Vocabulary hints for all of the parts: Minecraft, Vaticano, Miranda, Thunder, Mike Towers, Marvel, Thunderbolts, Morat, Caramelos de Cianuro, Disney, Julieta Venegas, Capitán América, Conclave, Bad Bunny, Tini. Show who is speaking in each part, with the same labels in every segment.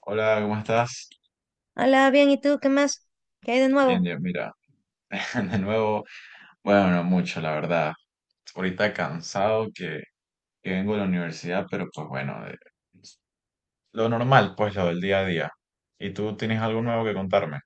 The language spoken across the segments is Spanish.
Speaker 1: Hola, ¿cómo estás?
Speaker 2: Hola, bien, ¿y tú qué más? ¿Qué hay de
Speaker 1: Bien,
Speaker 2: nuevo?
Speaker 1: bien, mira, de nuevo, bueno, no mucho, la verdad. Ahorita cansado que vengo de la universidad, pero pues bueno, lo normal, pues lo del día a día. ¿Y tú tienes algo nuevo que contarme?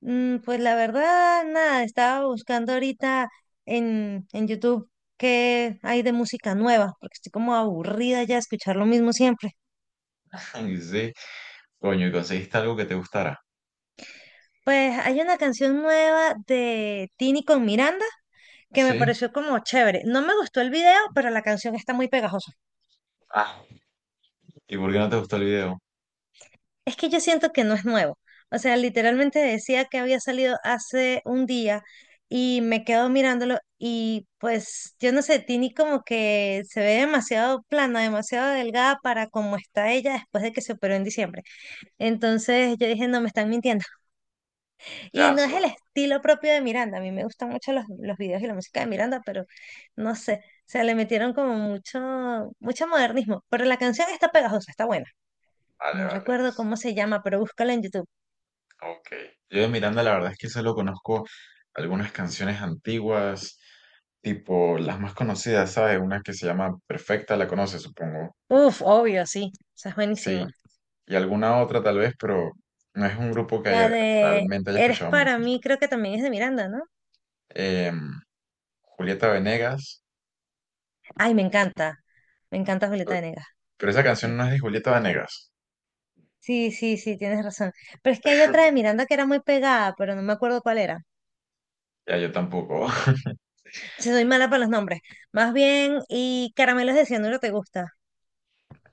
Speaker 2: Pues la verdad, nada, estaba buscando ahorita en YouTube qué hay de música nueva, porque estoy como aburrida ya de escuchar lo mismo siempre.
Speaker 1: Y sí, coño, ¿y conseguiste algo que te gustara?
Speaker 2: Pues hay una canción nueva de Tini con Miranda que me
Speaker 1: ¿Sí?
Speaker 2: pareció como chévere. No me gustó el video, pero la canción está muy pegajosa.
Speaker 1: Ah, ¿y por qué no te gustó el video?
Speaker 2: Es que yo siento que no es nuevo. O sea, literalmente decía que había salido hace un día y me quedo mirándolo y pues yo no sé, Tini como que se ve demasiado plana, demasiado delgada para como está ella después de que se operó en diciembre. Entonces yo dije, no, me están mintiendo. Y
Speaker 1: Ya,
Speaker 2: no es
Speaker 1: eso,
Speaker 2: el estilo propio de Miranda. A mí me gustan mucho los videos y la música de Miranda, pero no sé, o sea, le metieron como mucho, mucho modernismo. Pero la canción está pegajosa, está buena.
Speaker 1: vale,
Speaker 2: No
Speaker 1: vale.
Speaker 2: recuerdo cómo se llama, pero búscala en YouTube.
Speaker 1: Ok. Yo de Miranda la verdad es que solo conozco algunas canciones antiguas, tipo las más conocidas, ¿sabes? Una que se llama Perfecta, la conoces, supongo.
Speaker 2: Uf, obvio, sí. Esa es
Speaker 1: Sí,
Speaker 2: buenísima.
Speaker 1: y alguna otra tal vez, pero no es un grupo
Speaker 2: La de
Speaker 1: realmente haya
Speaker 2: Eres
Speaker 1: escuchado
Speaker 2: para
Speaker 1: mucho.
Speaker 2: mí, creo que también es de Miranda, ¿no?
Speaker 1: Em, Julieta Venegas,
Speaker 2: Ay, me encanta. Me encanta
Speaker 1: pe-
Speaker 2: Julieta Venegas.
Speaker 1: pero esa
Speaker 2: Sí.
Speaker 1: canción no es de Julieta Venegas.
Speaker 2: Sí, sí, sí, tienes razón. Pero es que hay otra de Miranda que era muy pegada, pero no me acuerdo cuál era.
Speaker 1: Ya, yo tampoco.
Speaker 2: Si soy mala para los nombres. Más bien, y Caramelos de Cianuro te gusta.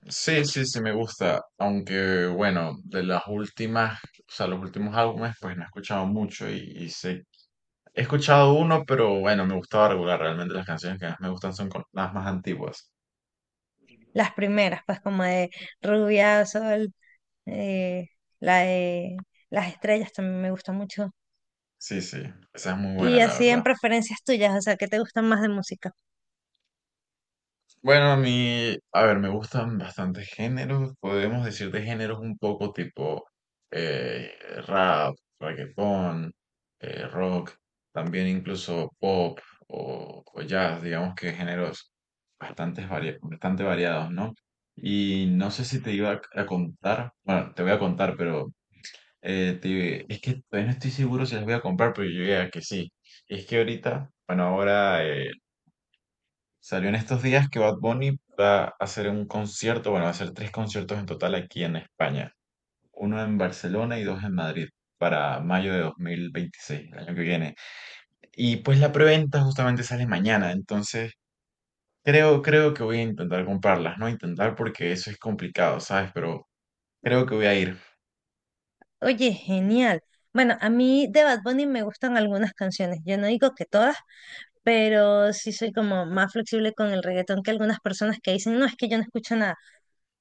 Speaker 1: Sí, sí, sí me gusta, aunque bueno, de las últimas, o sea, los últimos álbumes, pues no he escuchado mucho y sé. He escuchado uno, pero bueno, me gustaba regular. Realmente las canciones que más me gustan son las más antiguas.
Speaker 2: Las primeras, pues como de Rubia, Sol, eh, la de Las Estrellas también me gusta mucho.
Speaker 1: Sí, sí, esa es muy buena,
Speaker 2: Y
Speaker 1: la
Speaker 2: así
Speaker 1: verdad.
Speaker 2: en preferencias tuyas, o sea, ¿qué te gustan más de música?
Speaker 1: Bueno, a mí, a ver, me gustan bastantes géneros. Podemos decir de géneros un poco tipo eh, rap, reggaetón, rock, también incluso pop o jazz, digamos que géneros bastante variados, ¿no? Y no sé si te iba a contar, bueno, te voy a contar, pero es que todavía no estoy seguro si las voy a comprar, pero yo diría que sí. Es que ahorita, bueno, ahora salió en estos días que Bad Bunny va a hacer un concierto, bueno, va a hacer tres conciertos en total aquí en España. Uno en Barcelona y dos en Madrid para mayo de dos mil veintiséis, el año que viene. Y pues la preventa justamente sale mañana, entonces creo que voy a intentar comprarlas, no intentar porque eso es complicado, ¿sabes? Pero creo que voy a ir.
Speaker 2: Oye, genial. Bueno, a mí de Bad Bunny me gustan algunas canciones. Yo no digo que todas, pero sí soy como más flexible con el reggaetón que algunas personas que dicen, no, es que yo no escucho nada.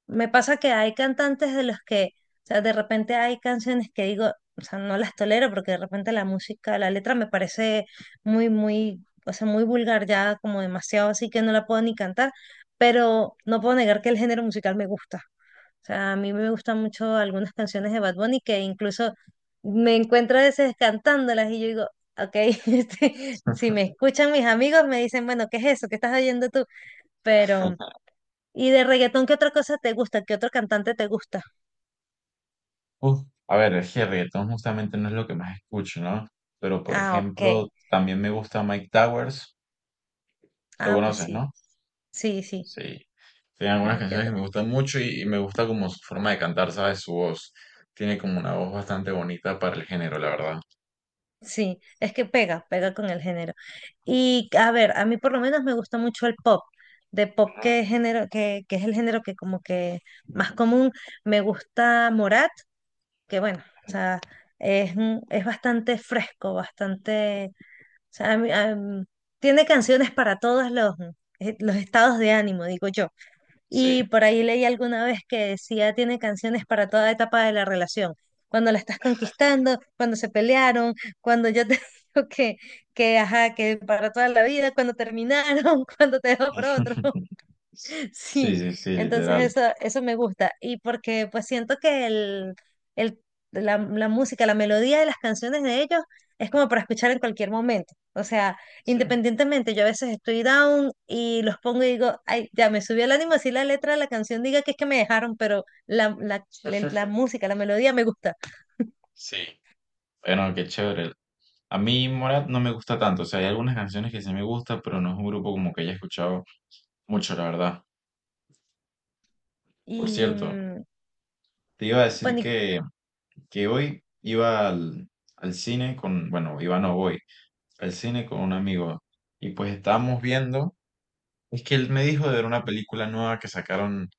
Speaker 2: Me pasa que hay cantantes de los que, o sea, de repente hay canciones que digo, o sea, no las tolero porque de repente la música, la letra me parece muy, muy, o sea, muy vulgar ya, como demasiado así que no la puedo ni cantar, pero no puedo negar que el género musical me gusta. O sea, a mí me gustan mucho algunas canciones de Bad Bunny que incluso me encuentro a veces cantándolas y yo digo, ok, este, si me escuchan mis amigos me dicen, bueno, ¿qué es eso? ¿Qué estás oyendo tú? Pero, ¿y de reggaetón qué otra cosa te gusta? ¿Qué otro cantante te gusta?
Speaker 1: Uf, a ver, es que reggaetón justamente no es lo que más escucho, ¿no? Pero, por
Speaker 2: Ah, ok.
Speaker 1: ejemplo, también me gusta Mike Towers. Lo
Speaker 2: Ah, pues
Speaker 1: conoces,
Speaker 2: sí,
Speaker 1: ¿no?
Speaker 2: sí, sí,
Speaker 1: Sí. Tiene algunas
Speaker 2: una que
Speaker 1: canciones que
Speaker 2: otra.
Speaker 1: me gustan mucho y me gusta como su forma de cantar, ¿sabes? Su voz. Tiene como una voz bastante bonita para el género, la verdad.
Speaker 2: Sí, es que pega, pega con el género. Y a ver, a mí por lo menos me gusta mucho el pop. De pop, ¿qué género, que es el género que como que más común? Me gusta Morat que bueno, o sea, es, es bastante fresco, bastante, o sea, tiene canciones para todos los estados de ánimo, digo yo.
Speaker 1: Sí.
Speaker 2: Y por ahí leí alguna vez que decía, tiene canciones para toda etapa de la relación, cuando la estás conquistando, cuando se pelearon, cuando yo te digo que, ajá, que para toda la vida, cuando terminaron, cuando te dejó por otro.
Speaker 1: Sí,
Speaker 2: Sí,
Speaker 1: sí, sí,
Speaker 2: entonces
Speaker 1: literal.
Speaker 2: eso me gusta. Y porque pues siento que el- la música, la melodía de las canciones de ellos es como para escuchar en cualquier momento. O sea,
Speaker 1: Sí.
Speaker 2: independientemente, yo a veces estoy down y los pongo y digo, ay, ya me subió el ánimo, así la letra de la canción diga que es que me dejaron, pero la música, la melodía me gusta.
Speaker 1: Sí. Bueno, qué chévere. A mí Morat no me gusta tanto. O sea, hay algunas canciones que sí me gustan, pero no es un grupo como que haya escuchado mucho, la verdad. Por
Speaker 2: Y
Speaker 1: cierto, te iba a decir
Speaker 2: bueno, y
Speaker 1: que hoy iba al cine con, bueno, iba no voy, al cine con un amigo y pues estábamos viendo, es que él me dijo de ver una película nueva que sacaron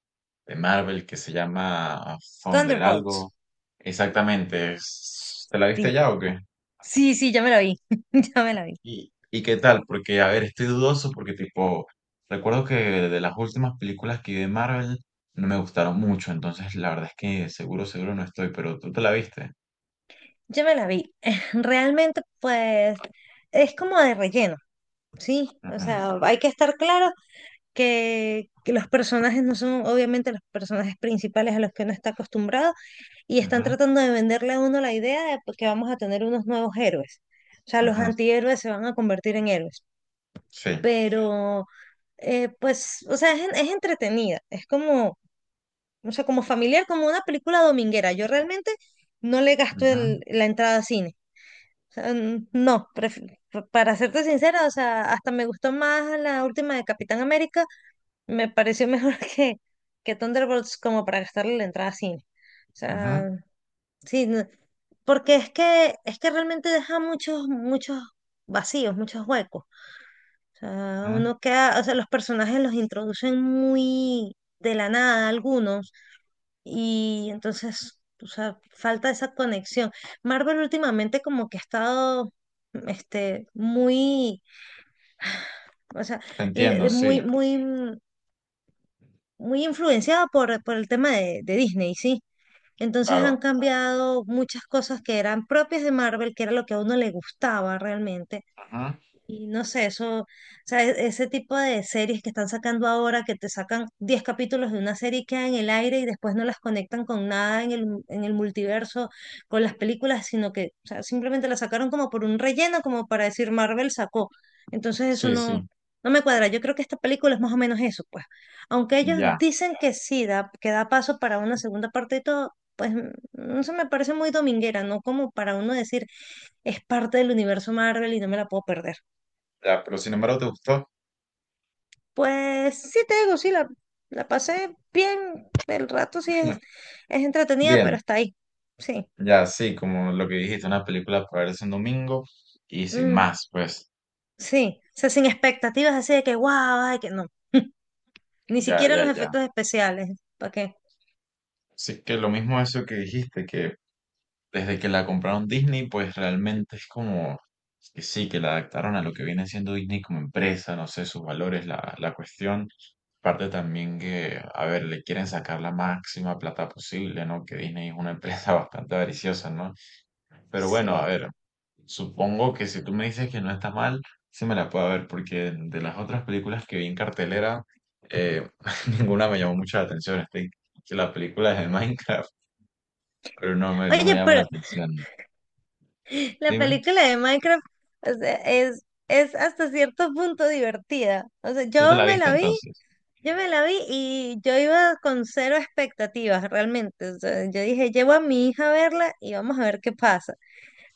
Speaker 1: de Marvel que se llama Thunder
Speaker 2: Thunderbolts.
Speaker 1: algo. Exactamente, ¿te la viste
Speaker 2: Sí,
Speaker 1: ya o qué?
Speaker 2: sí, sí, ya me la vi, ya me la vi.
Speaker 1: Y qué tal? Porque, a ver, estoy dudoso porque tipo, recuerdo que de las últimas películas que vi de Marvel no me gustaron mucho, entonces la verdad es que seguro no estoy, pero tú te la viste.
Speaker 2: Yo me la vi. Realmente, pues, es como de relleno, ¿sí? O
Speaker 1: Ujú,
Speaker 2: sea, hay que estar claro que los personajes no son obviamente los personajes principales a los que uno está acostumbrado y están
Speaker 1: ujú,
Speaker 2: tratando de venderle a uno la idea de pues, que vamos a tener unos nuevos héroes. O sea, los
Speaker 1: ujú.
Speaker 2: antihéroes se van a convertir en héroes.
Speaker 1: Sí.
Speaker 2: Pero, pues, o sea, es entretenida. Es como, o sea, como familiar, como una película dominguera. Yo realmente no le gasto
Speaker 1: Ujú,
Speaker 2: la entrada a cine sea, no, para serte sincera, o sea, hasta me gustó más la última de Capitán América, me pareció mejor que Thunderbolts como para gastarle la entrada a cine. O
Speaker 1: ujú,
Speaker 2: sea, sí, porque es que realmente deja muchos, muchos vacíos, muchos huecos. O sea,
Speaker 1: ujú.
Speaker 2: uno queda, o sea, los personajes los introducen muy de la nada, algunos. Y entonces, o sea, falta esa conexión. Marvel últimamente como que ha estado, este, muy, o sea,
Speaker 1: Te entiendo, sí,
Speaker 2: muy, muy, muy influenciada por el tema de Disney, ¿sí? Entonces han
Speaker 1: claro.
Speaker 2: cambiado muchas cosas que eran propias de Marvel, que era lo que a uno le gustaba realmente.
Speaker 1: Ujú.
Speaker 2: Y no sé, eso, o sea, ese tipo de series que están sacando ahora, que te sacan 10 capítulos de una serie y queda en el aire y después no las conectan con nada en el, en el multiverso, con las películas, sino que, o sea, simplemente las sacaron como por un relleno, como para decir Marvel sacó. Entonces eso
Speaker 1: Sí,
Speaker 2: no,
Speaker 1: sí,
Speaker 2: no me cuadra. Yo creo que esta película es más o menos eso, pues. Aunque ellos
Speaker 1: ya,
Speaker 2: dicen que sí, da, que da paso para una segunda parte y todo, pues eso me parece muy dominguera, ¿no? Como para uno decir, es parte del universo Marvel y no me la puedo perder.
Speaker 1: ya, pero sin embargo te gustó.
Speaker 2: Pues sí te digo, sí, la pasé bien, el rato sí es entretenida, pero
Speaker 1: Bien,
Speaker 2: está ahí, sí,
Speaker 1: ya, sí, como lo que dijiste, una película para verse un domingo y sin
Speaker 2: mm,
Speaker 1: más, pues,
Speaker 2: sí, o sea, sin expectativas así de que guau, ay, que no, ni
Speaker 1: ya,
Speaker 2: siquiera en
Speaker 1: ya,
Speaker 2: los
Speaker 1: ya.
Speaker 2: efectos especiales, ¿para qué?
Speaker 1: Así que lo mismo eso que dijiste, que desde que la compraron Disney, pues realmente es como que sí, que la adaptaron a lo que viene siendo Disney como empresa, no sé, sus valores, la cuestión. Aparte también que, a ver, le quieren sacar la máxima plata posible, ¿no? Que Disney es una empresa bastante avariciosa, ¿no? Pero bueno, a
Speaker 2: Sí.
Speaker 1: ver, supongo que si tú me dices que no está mal, sí me la puedo ver, porque de las otras películas que vi en cartelera, eh, ninguna me llamó mucho la atención. Estoy que la película es de Minecraft, pero no me
Speaker 2: Oye,
Speaker 1: llama la
Speaker 2: pero
Speaker 1: atención.
Speaker 2: la
Speaker 1: Dime.
Speaker 2: película de Minecraft, o sea, es hasta cierto punto divertida, o sea,
Speaker 1: Tú te
Speaker 2: yo
Speaker 1: la
Speaker 2: me
Speaker 1: viste
Speaker 2: la vi,
Speaker 1: entonces.
Speaker 2: yo me la vi y yo iba con cero expectativas realmente, o sea, yo dije, llevo a mi hija a verla y vamos a ver qué pasa.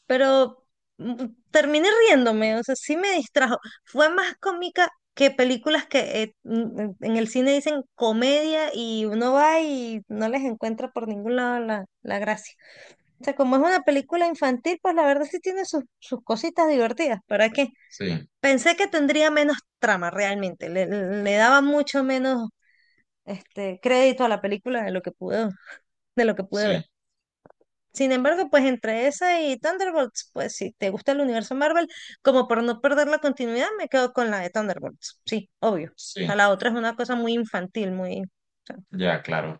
Speaker 2: Pero mm, terminé riéndome, o sea, sí me distrajo. Fue más cómica que películas que en el cine dicen comedia y uno va y no les encuentra por ningún lado la, la gracia. O sea, como es una película infantil, pues la verdad sí tiene sus, sus cositas divertidas, ¿para qué?
Speaker 1: Sí,
Speaker 2: Pensé que tendría menos trama realmente, le daba mucho menos este crédito a la película de lo que pude, de lo que pude
Speaker 1: sí,
Speaker 2: ver. Sin embargo, pues entre esa y Thunderbolts, pues si te gusta el universo Marvel, como por no perder la continuidad, me quedo con la de Thunderbolts. Sí, obvio. O sea,
Speaker 1: sí,
Speaker 2: la otra es una cosa muy infantil, muy... o sea.
Speaker 1: ya, claro.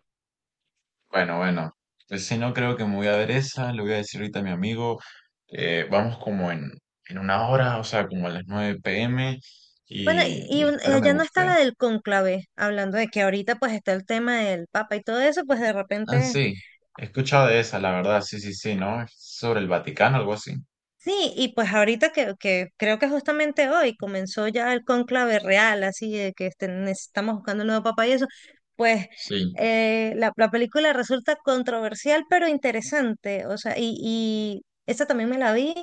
Speaker 1: Bueno, bueno. Pues si no creo que me voy a ver esa, le voy a decir ahorita a mi amigo, vamos como en una hora, o sea, como a las 9 p.m.,
Speaker 2: Bueno, y,
Speaker 1: y espero me
Speaker 2: allá no está
Speaker 1: guste.
Speaker 2: la del cónclave, hablando de que ahorita pues está el tema del papa y todo eso, pues de
Speaker 1: Ah,
Speaker 2: repente
Speaker 1: sí, he escuchado de esa, la verdad, sí, sí, sí, ¿no? Es sobre el Vaticano, algo así.
Speaker 2: sí, y pues ahorita que creo que justamente hoy comenzó ya el cónclave real, así de que este, necesitamos buscando un nuevo papa y eso, pues
Speaker 1: Sí.
Speaker 2: la, la película resulta controversial pero interesante, o sea, y esa también me la vi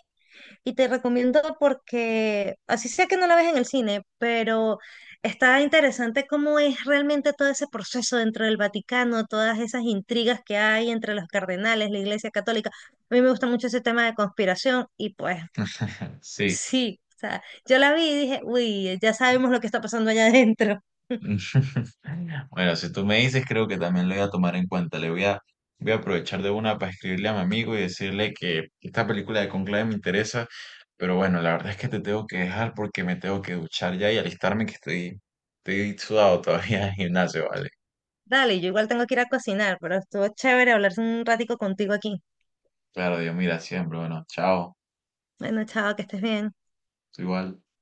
Speaker 2: y te recomiendo porque, así sea que no la ves en el cine, pero está interesante cómo es realmente todo ese proceso dentro del Vaticano, todas esas intrigas que hay entre los cardenales, la Iglesia Católica. A mí me gusta mucho ese tema de conspiración y pues
Speaker 1: Sí.
Speaker 2: sí, o sea, yo la vi y dije, uy, ya sabemos lo que está pasando allá adentro.
Speaker 1: Bueno, si tú me dices, creo que también lo voy a tomar en cuenta. Voy a aprovechar de una para escribirle a mi amigo y decirle que esta película de Conclave me interesa. Pero bueno, la verdad es que te tengo que dejar porque me tengo que duchar ya y alistarme que estoy sudado todavía en el gimnasio, ¿vale?
Speaker 2: Dale, yo igual tengo que ir a cocinar, pero estuvo chévere hablar un ratico contigo aquí.
Speaker 1: Claro, Dios mira siempre. Bueno, chao.
Speaker 2: Bueno, chao, que estés bien.
Speaker 1: Tú igual.